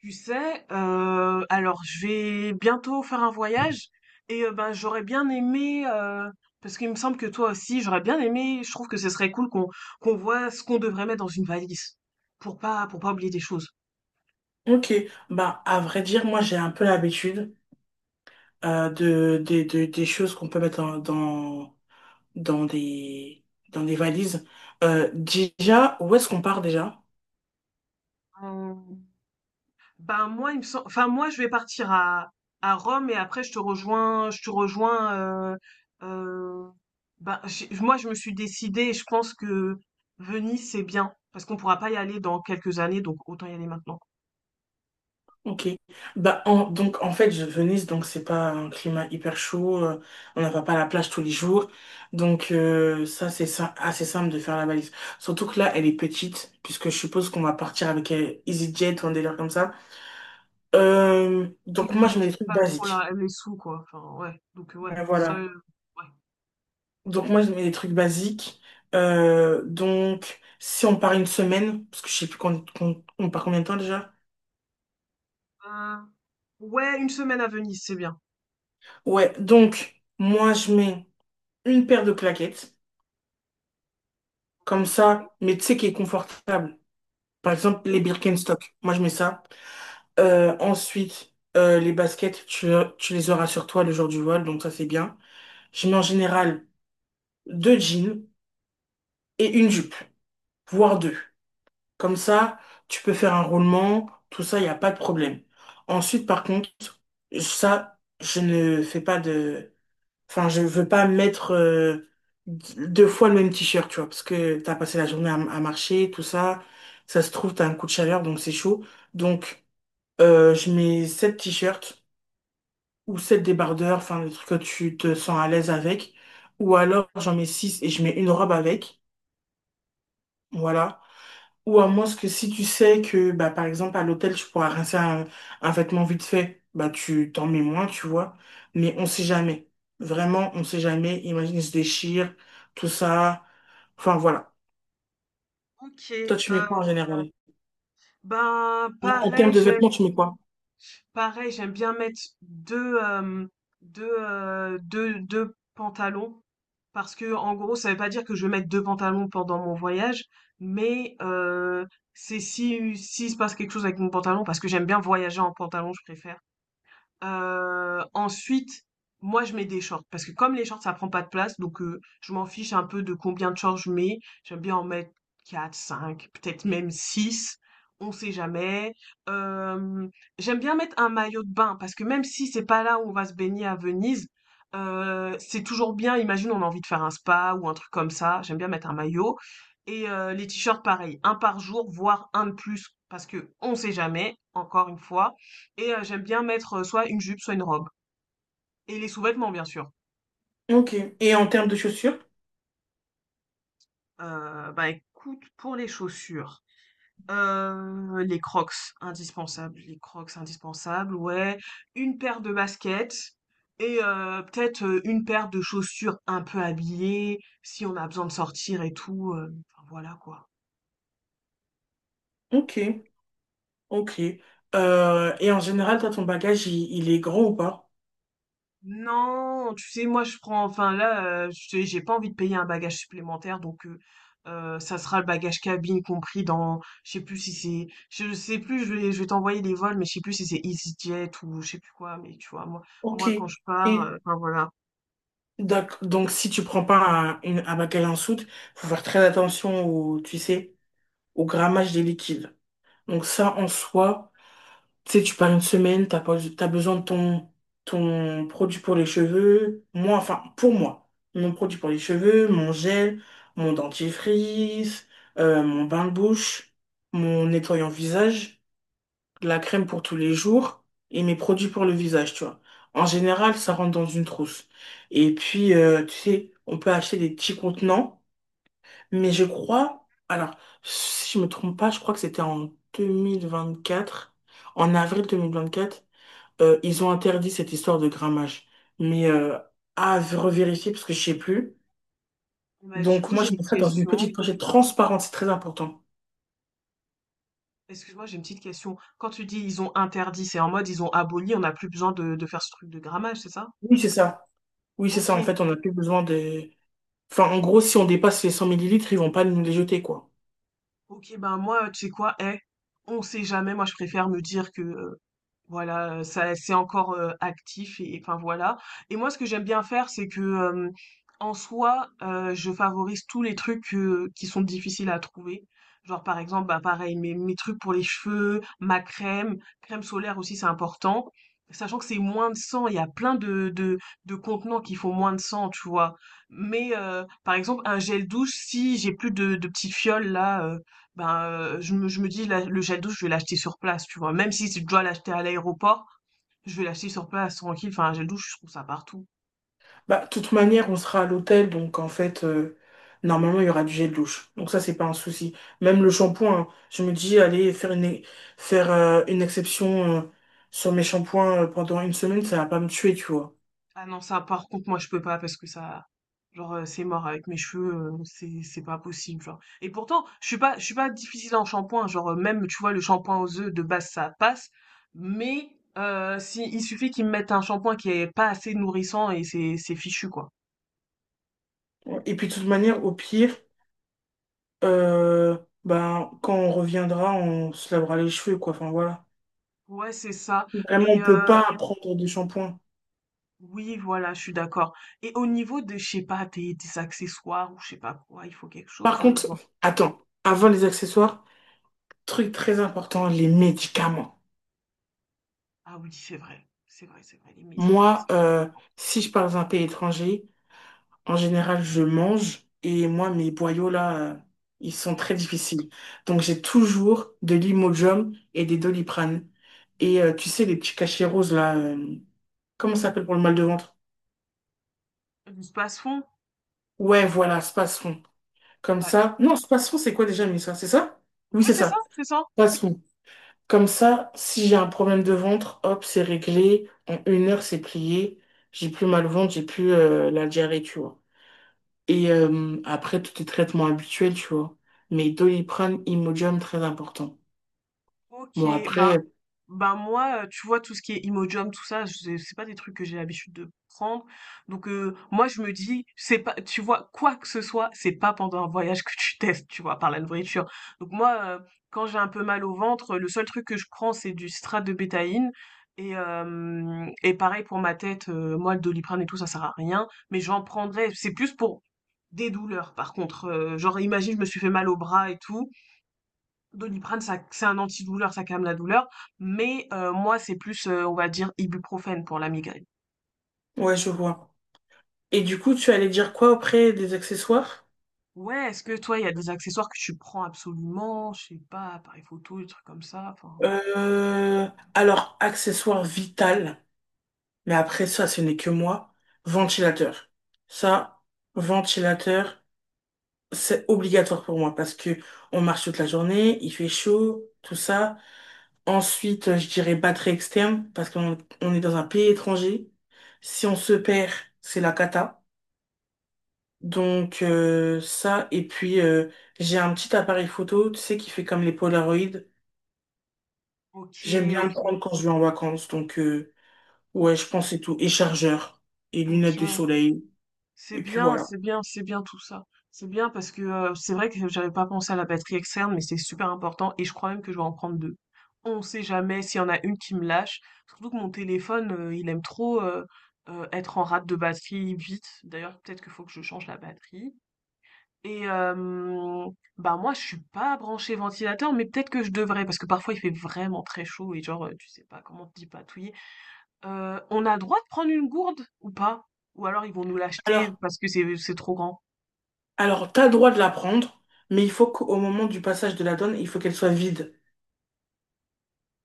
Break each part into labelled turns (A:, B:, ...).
A: Tu sais, alors je vais bientôt faire un voyage et ben j'aurais bien aimé parce qu'il me semble que toi aussi j'aurais bien aimé. Je trouve que ce serait cool qu'on voit ce qu'on devrait mettre dans une valise pour pas oublier des choses.
B: Ok, bah à vrai dire, moi j'ai un peu l'habitude des choses qu'on peut mettre dans des, dans des valises. Déjà, où est-ce qu'on part déjà?
A: Euh, Ben moi, il me sem enfin moi, je vais partir à Rome et après je te rejoins, euh, moi, je me suis décidée. Et je pense que Venise c'est bien parce qu'on pourra pas y aller dans quelques années, donc autant y aller maintenant.
B: Ok. Bah, donc, en fait, Venise, donc, c'est pas un climat hyper chaud. On n'a pas à la plage tous les jours. Donc, ça, c'est ça, assez simple de faire la valise. Surtout que là, elle est petite, puisque je suppose qu'on va partir avec EasyJet ou un délire comme ça.
A: Ouais, oui,
B: Donc, moi, je mets
A: j'ai
B: des trucs
A: pas trop
B: basiques.
A: les sous quoi. Enfin ouais, donc ouais,
B: Mais voilà.
A: ouais.
B: Donc, moi, je mets des trucs basiques. Donc, si on part une semaine, parce que je sais plus on part combien de temps déjà.
A: Euh, ouais, une semaine à Venise c'est bien.
B: Ouais, donc, moi, je mets une paire de claquettes, comme
A: Ok.
B: ça, mais tu sais, qui est confortable. Par exemple, les
A: Mhm.
B: Birkenstock, moi je mets ça. Ensuite, les baskets, tu les auras sur toi le jour du vol, donc ça c'est bien. Je mets en général deux jeans et une jupe, voire deux. Comme ça, tu peux faire un roulement, tout ça, il n'y a pas de problème. Ensuite, par contre, ça, je ne fais pas de. Enfin, je veux pas mettre deux fois le même t-shirt, tu vois, parce que t'as passé la journée à marcher, tout ça. Ça se trouve, t'as un coup de chaleur, donc c'est chaud. Donc, je mets sept t-shirts ou sept débardeurs, enfin, le truc que tu te sens à l'aise avec. Ou alors, j'en mets six et je mets une robe avec. Voilà. Ou à moins que si tu sais que, bah, par exemple, à l'hôtel, tu pourras rincer un vêtement vite fait, bah, tu t'en mets moins, tu vois. Mais on sait jamais. Vraiment, on sait jamais. Imagine, il se déchire, tout ça. Enfin, voilà. Toi,
A: Ok,
B: tu
A: euh,
B: mets quoi en général?
A: ben
B: En termes
A: pareil,
B: de
A: j'aime
B: vêtements, tu mets quoi?
A: Pareil, j'aime bien mettre deux hem, deux heu, 2- 2 pantalons parce que, en gros, ça veut pas dire que je vais mettre 2 pantalons pendant mon voyage, mais c'est si s'il se passe quelque chose avec mon pantalon, parce que j'aime bien voyager en pantalon, je préfère. Ensuite, moi, je mets des shorts parce que, comme les shorts, ça prend pas de place, donc je m'en fiche un peu de combien de shorts je mets. J'aime bien en mettre quatre, cinq, peut-être même six, on sait jamais. Hem, J'aime bien mettre un maillot de bain parce que, même si c'est pas là où on va se baigner à Venise, c'est toujours bien. Imagine, on a envie de faire un spa ou un truc comme ça, j'aime bien mettre un maillot. Et les t-shirts, pareil, un par jour, voire un de plus parce que qu'on sait jamais, encore une fois. Et j'aime bien mettre, soit une jupe, soit une robe, et les sous-vêtements, bien sûr.
B: Ok. Et en termes de chaussures?
A: Bah, écoute, pour les chaussures, les Crocs, indispensables. Les Crocs, indispensables, ouais. Une paire de baskets et peut-être une paire de chaussures un peu habillées, si on a besoin de sortir et tout, enfin voilà, quoi.
B: Ok. Ok. Et en général, toi, ton bagage, il est grand ou pas?
A: Non, tu sais, moi je prends, enfin là, je te dis, j'ai pas envie de payer un bagage supplémentaire, donc ça sera le bagage cabine compris dans, je sais plus si c'est, je sais plus, je vais t'envoyer les vols, mais je sais plus si c'est EasyJet ou je sais plus quoi, mais tu vois,
B: Ok.
A: moi, quand je pars,
B: Et
A: enfin voilà.
B: Donc, si tu prends pas un baccalauréat en soude, faut faire très attention au, tu sais, au grammage des liquides. Donc ça, en soi, tu sais, tu pars une semaine, t'as pas, t'as besoin de ton produit pour les cheveux. Moi, enfin, pour moi, mon produit pour les cheveux, mon gel, mon dentifrice, mon bain de bouche, mon nettoyant visage, la crème pour tous les jours et mes produits pour le visage, tu vois. En général, ça rentre dans une trousse. Et puis, tu sais, on peut acheter des petits contenants, mais je crois, alors, si je me trompe pas, je crois que c'était en 2024, en avril 2024, ils ont interdit cette histoire de grammage. Mais à revérifier parce que je sais plus.
A: Bah, du
B: Donc
A: coup,
B: moi,
A: j'ai
B: je
A: une
B: mets ça dans une
A: question.
B: petite pochette transparente, c'est très important.
A: Excuse-moi, j'ai une petite question. Quand tu dis ils ont interdit, c'est en mode ils ont aboli, on n'a plus besoin de faire ce truc de grammage, c'est ça?
B: Oui, c'est ça. Oui, c'est
A: Ok.
B: ça. En fait, on n'a plus besoin de. Enfin, en gros, si on dépasse les 100 ml, ils vont pas nous les jeter, quoi.
A: Ok, ben moi, tu sais quoi, on sait jamais, moi je préfère me dire que voilà, ça, c'est encore actif, et enfin voilà. Et moi, ce que j'aime bien faire, c'est que, en soi, je favorise tous les trucs qui sont difficiles à trouver. Genre, par exemple, bah pareil, mes trucs pour les cheveux, crème solaire aussi, c'est important. Sachant que c'est moins de cent, il y a plein de contenants qui font moins de cent, tu vois. Mais par exemple, un gel douche, si j'ai plus de petites fioles là. Je je me dis, le gel douche, je vais l'acheter sur place, tu vois. Même si je dois l'acheter à l'aéroport, je vais l'acheter sur place, tranquille. Enfin, un gel douche, je trouve ça partout.
B: Bah, de toute manière, on sera à l'hôtel, donc en fait, normalement, il y aura du gel douche. Donc ça, c'est pas un souci. Même le shampoing, hein, je me dis, allez, faire une exception, sur mes shampoings pendant une semaine, ça va pas me tuer, tu vois.
A: Ah non, ça, par contre, moi, je peux pas, parce que ça, genre, c'est mort avec mes cheveux, c'est pas possible, genre. Et pourtant, je suis pas difficile en shampoing, genre, même, tu vois, le shampoing aux œufs de base, ça passe. Mais si, il suffit qu'ils me mettent un shampoing qui est pas assez nourrissant, et c'est fichu, quoi.
B: Et puis, de toute manière, au pire, euh, bah, quand on reviendra, on se lavera les cheveux, quoi. Enfin, voilà.
A: Ouais, c'est ça.
B: Si vraiment,
A: Et
B: on peut pas prendre de shampoing.
A: oui, voilà, je suis d'accord. Et au niveau de, je sais pas, tes accessoires ou je sais pas quoi, il faut quelque
B: Par
A: chose.
B: contre,
A: Bon.
B: attends, avant les accessoires, truc très important, les médicaments.
A: Ah oui, c'est vrai, c'est vrai, c'est vrai. Les médicaments,
B: Moi,
A: c'est super important.
B: si je pars dans un pays étranger, en général, je mange et moi, mes boyaux là, ils sont très difficiles. Donc, j'ai toujours de l'Imodium et des Doliprane. Et tu sais, les petits cachets roses là, comment ça s'appelle pour le mal de ventre?
A: Du spasfon,
B: Ouais, voilà, Spasfon. Comme
A: bah
B: ça. Non, Spasfon, c'est quoi déjà, mais ça, c'est ça? Oui,
A: oui,
B: c'est
A: c'est ça,
B: ça.
A: c'est ça.
B: Comme ça, si j'ai un problème de ventre, hop, c'est réglé. En une heure, c'est plié. J'ai plus mal au ventre, j'ai plus la diarrhée, tu vois. Et après, tous les traitements habituels, tu vois. Mais Doliprane, Imodium, très important.
A: Ok,
B: Bon,
A: ben
B: après,
A: bah, moi, tu vois, tout ce qui est Imodium, tout ça, c'est pas des trucs que j'ai l'habitude de prendre, donc moi, je me dis, c'est pas, tu vois? Quoi que ce soit, c'est pas pendant un voyage que tu testes, tu vois? Par la nourriture. Donc moi, quand j'ai un peu mal au ventre, le seul truc que je prends, c'est du citrate de bétaïne. Et hem et pareil pour ma tête, moi, le Doliprane et tout ça sert à rien, mais j'en prendrais, c'est plus pour des douleurs, par contre, genre, imagine je me suis fait mal au bras et tout, Doliprane, ça, c'est un antidouleur, ça calme la douleur, mais moi, c'est plus, on va dire ibuprofène pour la migraine.
B: ouais, je vois. Et du coup, tu allais dire quoi après des accessoires?
A: Ouais, est-ce que toi, il y a des accessoires que tu prends absolument? Je sais pas, appareil photo, des trucs comme ça, enfin?
B: Euh, alors, accessoire vital, mais après ça, ce n'est que moi. Ventilateur. Ça, ventilateur. C'est obligatoire pour moi parce que on marche toute la journée, il fait chaud, tout ça. Ensuite, je dirais batterie externe parce qu'on on est dans un pays étranger. Si on se perd, c'est la cata. Donc ça, et puis j'ai un petit appareil photo, tu sais, qui fait comme les Polaroids.
A: OK,
B: J'aime bien le
A: OK.
B: prendre quand je vais en vacances. Donc
A: O
B: ouais, je pense que c'est tout. Et chargeur, et lunettes
A: OK.
B: de soleil.
A: C'est
B: Et puis
A: bien,
B: voilà.
A: c'est bien, c'est bien tout ça. C'est bien parce que, c'est vrai que j'avais pas pensé à la batterie externe, mais c'est super important, et je crois même que je vais en prendre deux. On sait jamais s'il y en a une qui me lâche. Surtout que mon téléphone, il aime trop, être en rate de batterie vite. D'ailleurs, peut-être qu'il faut que je change la batterie. Et bah moi, je suis pas branchée ventilateur, mais peut-être que je devrais, parce que parfois il fait vraiment très chaud, et genre tu sais pas comment te patouiller. On a droit de prendre une gourde ou pas? Ou alors ils vont nous l'acheter
B: Alors,
A: parce que c'est trop grand?
B: alors, t'as le droit de la prendre, mais il faut qu'au moment du passage de la donne, il faut qu'elle soit vide.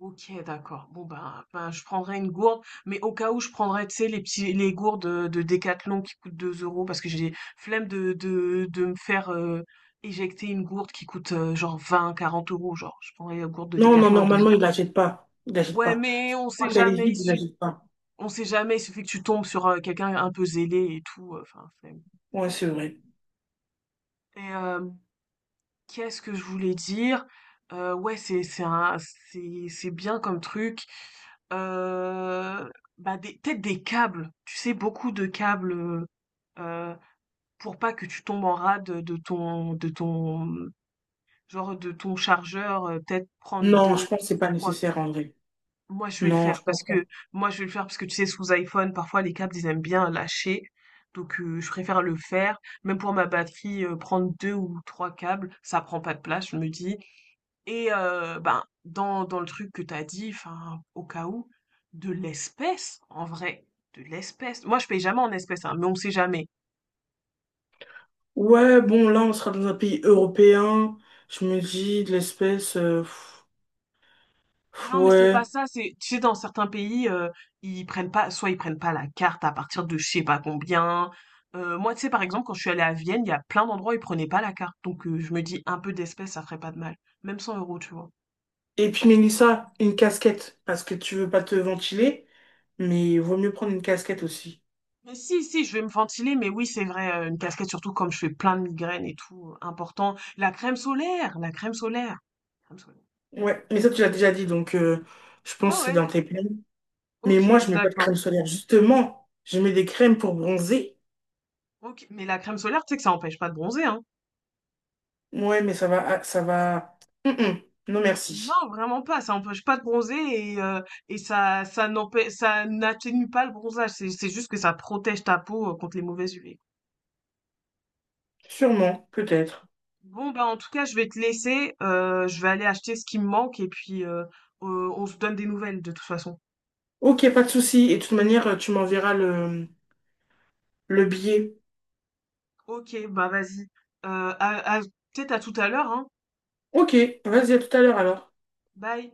A: OK, d'accord. Bon, ben, je prendrai une gourde, mais au cas où je prendrais, tu sais, les gourdes, de Decathlon, qui coûtent 2 €, parce que j'ai flemme de me faire éjecter une gourde qui coûte, genre vingt quarante euros, genre. Je prendrais la gourde de
B: Non, non,
A: Decathlon à 2
B: normalement,
A: euros.
B: il la pas. Il la
A: Ouais,
B: pas.
A: mais on sait
B: Quand elle est
A: jamais, il
B: vide, il la
A: suffi
B: pas.
A: on sait jamais, il suffit que tu tombes sur, quelqu'un un peu zélé et tout, enfin flemme.
B: Ouais, c'est vrai.
A: Et hem qu'est-ce que je voulais dire? Ouais, c'est un c'est bien comme truc. Heu, Bah, des peut-être des câbles, tu sais, beaucoup de câbles, pour pas que tu tombes en rade de ton, genre, de ton chargeur, peut-être prendre
B: Non, je
A: 2,
B: pense que c'est pas
A: 3.
B: nécessaire en vrai.
A: Moi, je vais le
B: Non,
A: faire
B: je
A: parce
B: pense
A: que
B: pas.
A: moi, je vais le faire parce que, tu sais, sous iPhone, parfois, les câbles, ils aiment bien lâcher. Donc je préfère le faire. Même pour ma batterie, prendre 2 ou 3 câbles, ça prend pas de place, je me dis. Et ben, dans le truc que t'as dit, enfin, au cas où, de l'espèce, en vrai, de l'espèce. Moi, je paye jamais en espèce, hein, mais on sait jamais.
B: Ouais, bon, là, on sera dans un pays européen. Je me dis, de l'espèce, pff, pff,
A: Non, mais c'est pas
B: ouais.
A: ça, c'est, tu sais, dans certains pays, ils prennent pas, soit ils prennent pas la carte à partir de je sais pas combien. Moi, tu sais, par exemple, quand je suis allée à Vienne, il y a plein d'endroits où ils prenaient pas la carte. Donc, je me dis, un peu d'espèces, ça ferait pas de mal. Même 100 euros, tu vois.
B: Et puis, Mélissa, une casquette. Parce que tu veux pas te ventiler. Mais il vaut mieux prendre une casquette aussi.
A: Mais si, je vais me ventiler, mais oui, c'est vrai, une casquette, surtout comme je fais plein de migraines et tout, important. La crème solaire, la crème solaire. Crème solaire.
B: Ouais, mais ça, tu l'as déjà dit. Donc, je pense
A: Ah
B: que c'est
A: ouais,
B: dans tes plans. Mais moi,
A: ok,
B: je mets pas de
A: d'accord.
B: crème solaire. Justement, je mets des crèmes pour bronzer.
A: Ok, mais la crème solaire, tu sais que ça empêche pas de bronzer, hein.
B: Ouais, mais ça va, ah, ça va. Hum, hum. Non, merci.
A: Non, vraiment pas, ça empêche pas de bronzer, et ça n'atténue pas le bronzage, c'est juste que ça protège ta peau contre les mauvaises UV.
B: Sûrement, peut-être.
A: Bon, bah en tout cas, je vais te laisser, je vais aller acheter ce qui me manque, et puis on se donne des nouvelles de toute façon.
B: Ok, pas de souci. Et de toute manière, tu m'enverras le billet.
A: Ok, bah vas-y. Euh, à, à- Peut-être à tout à l'heure, hein.
B: Ok, vas-y, à tout à l'heure alors.
A: Bye.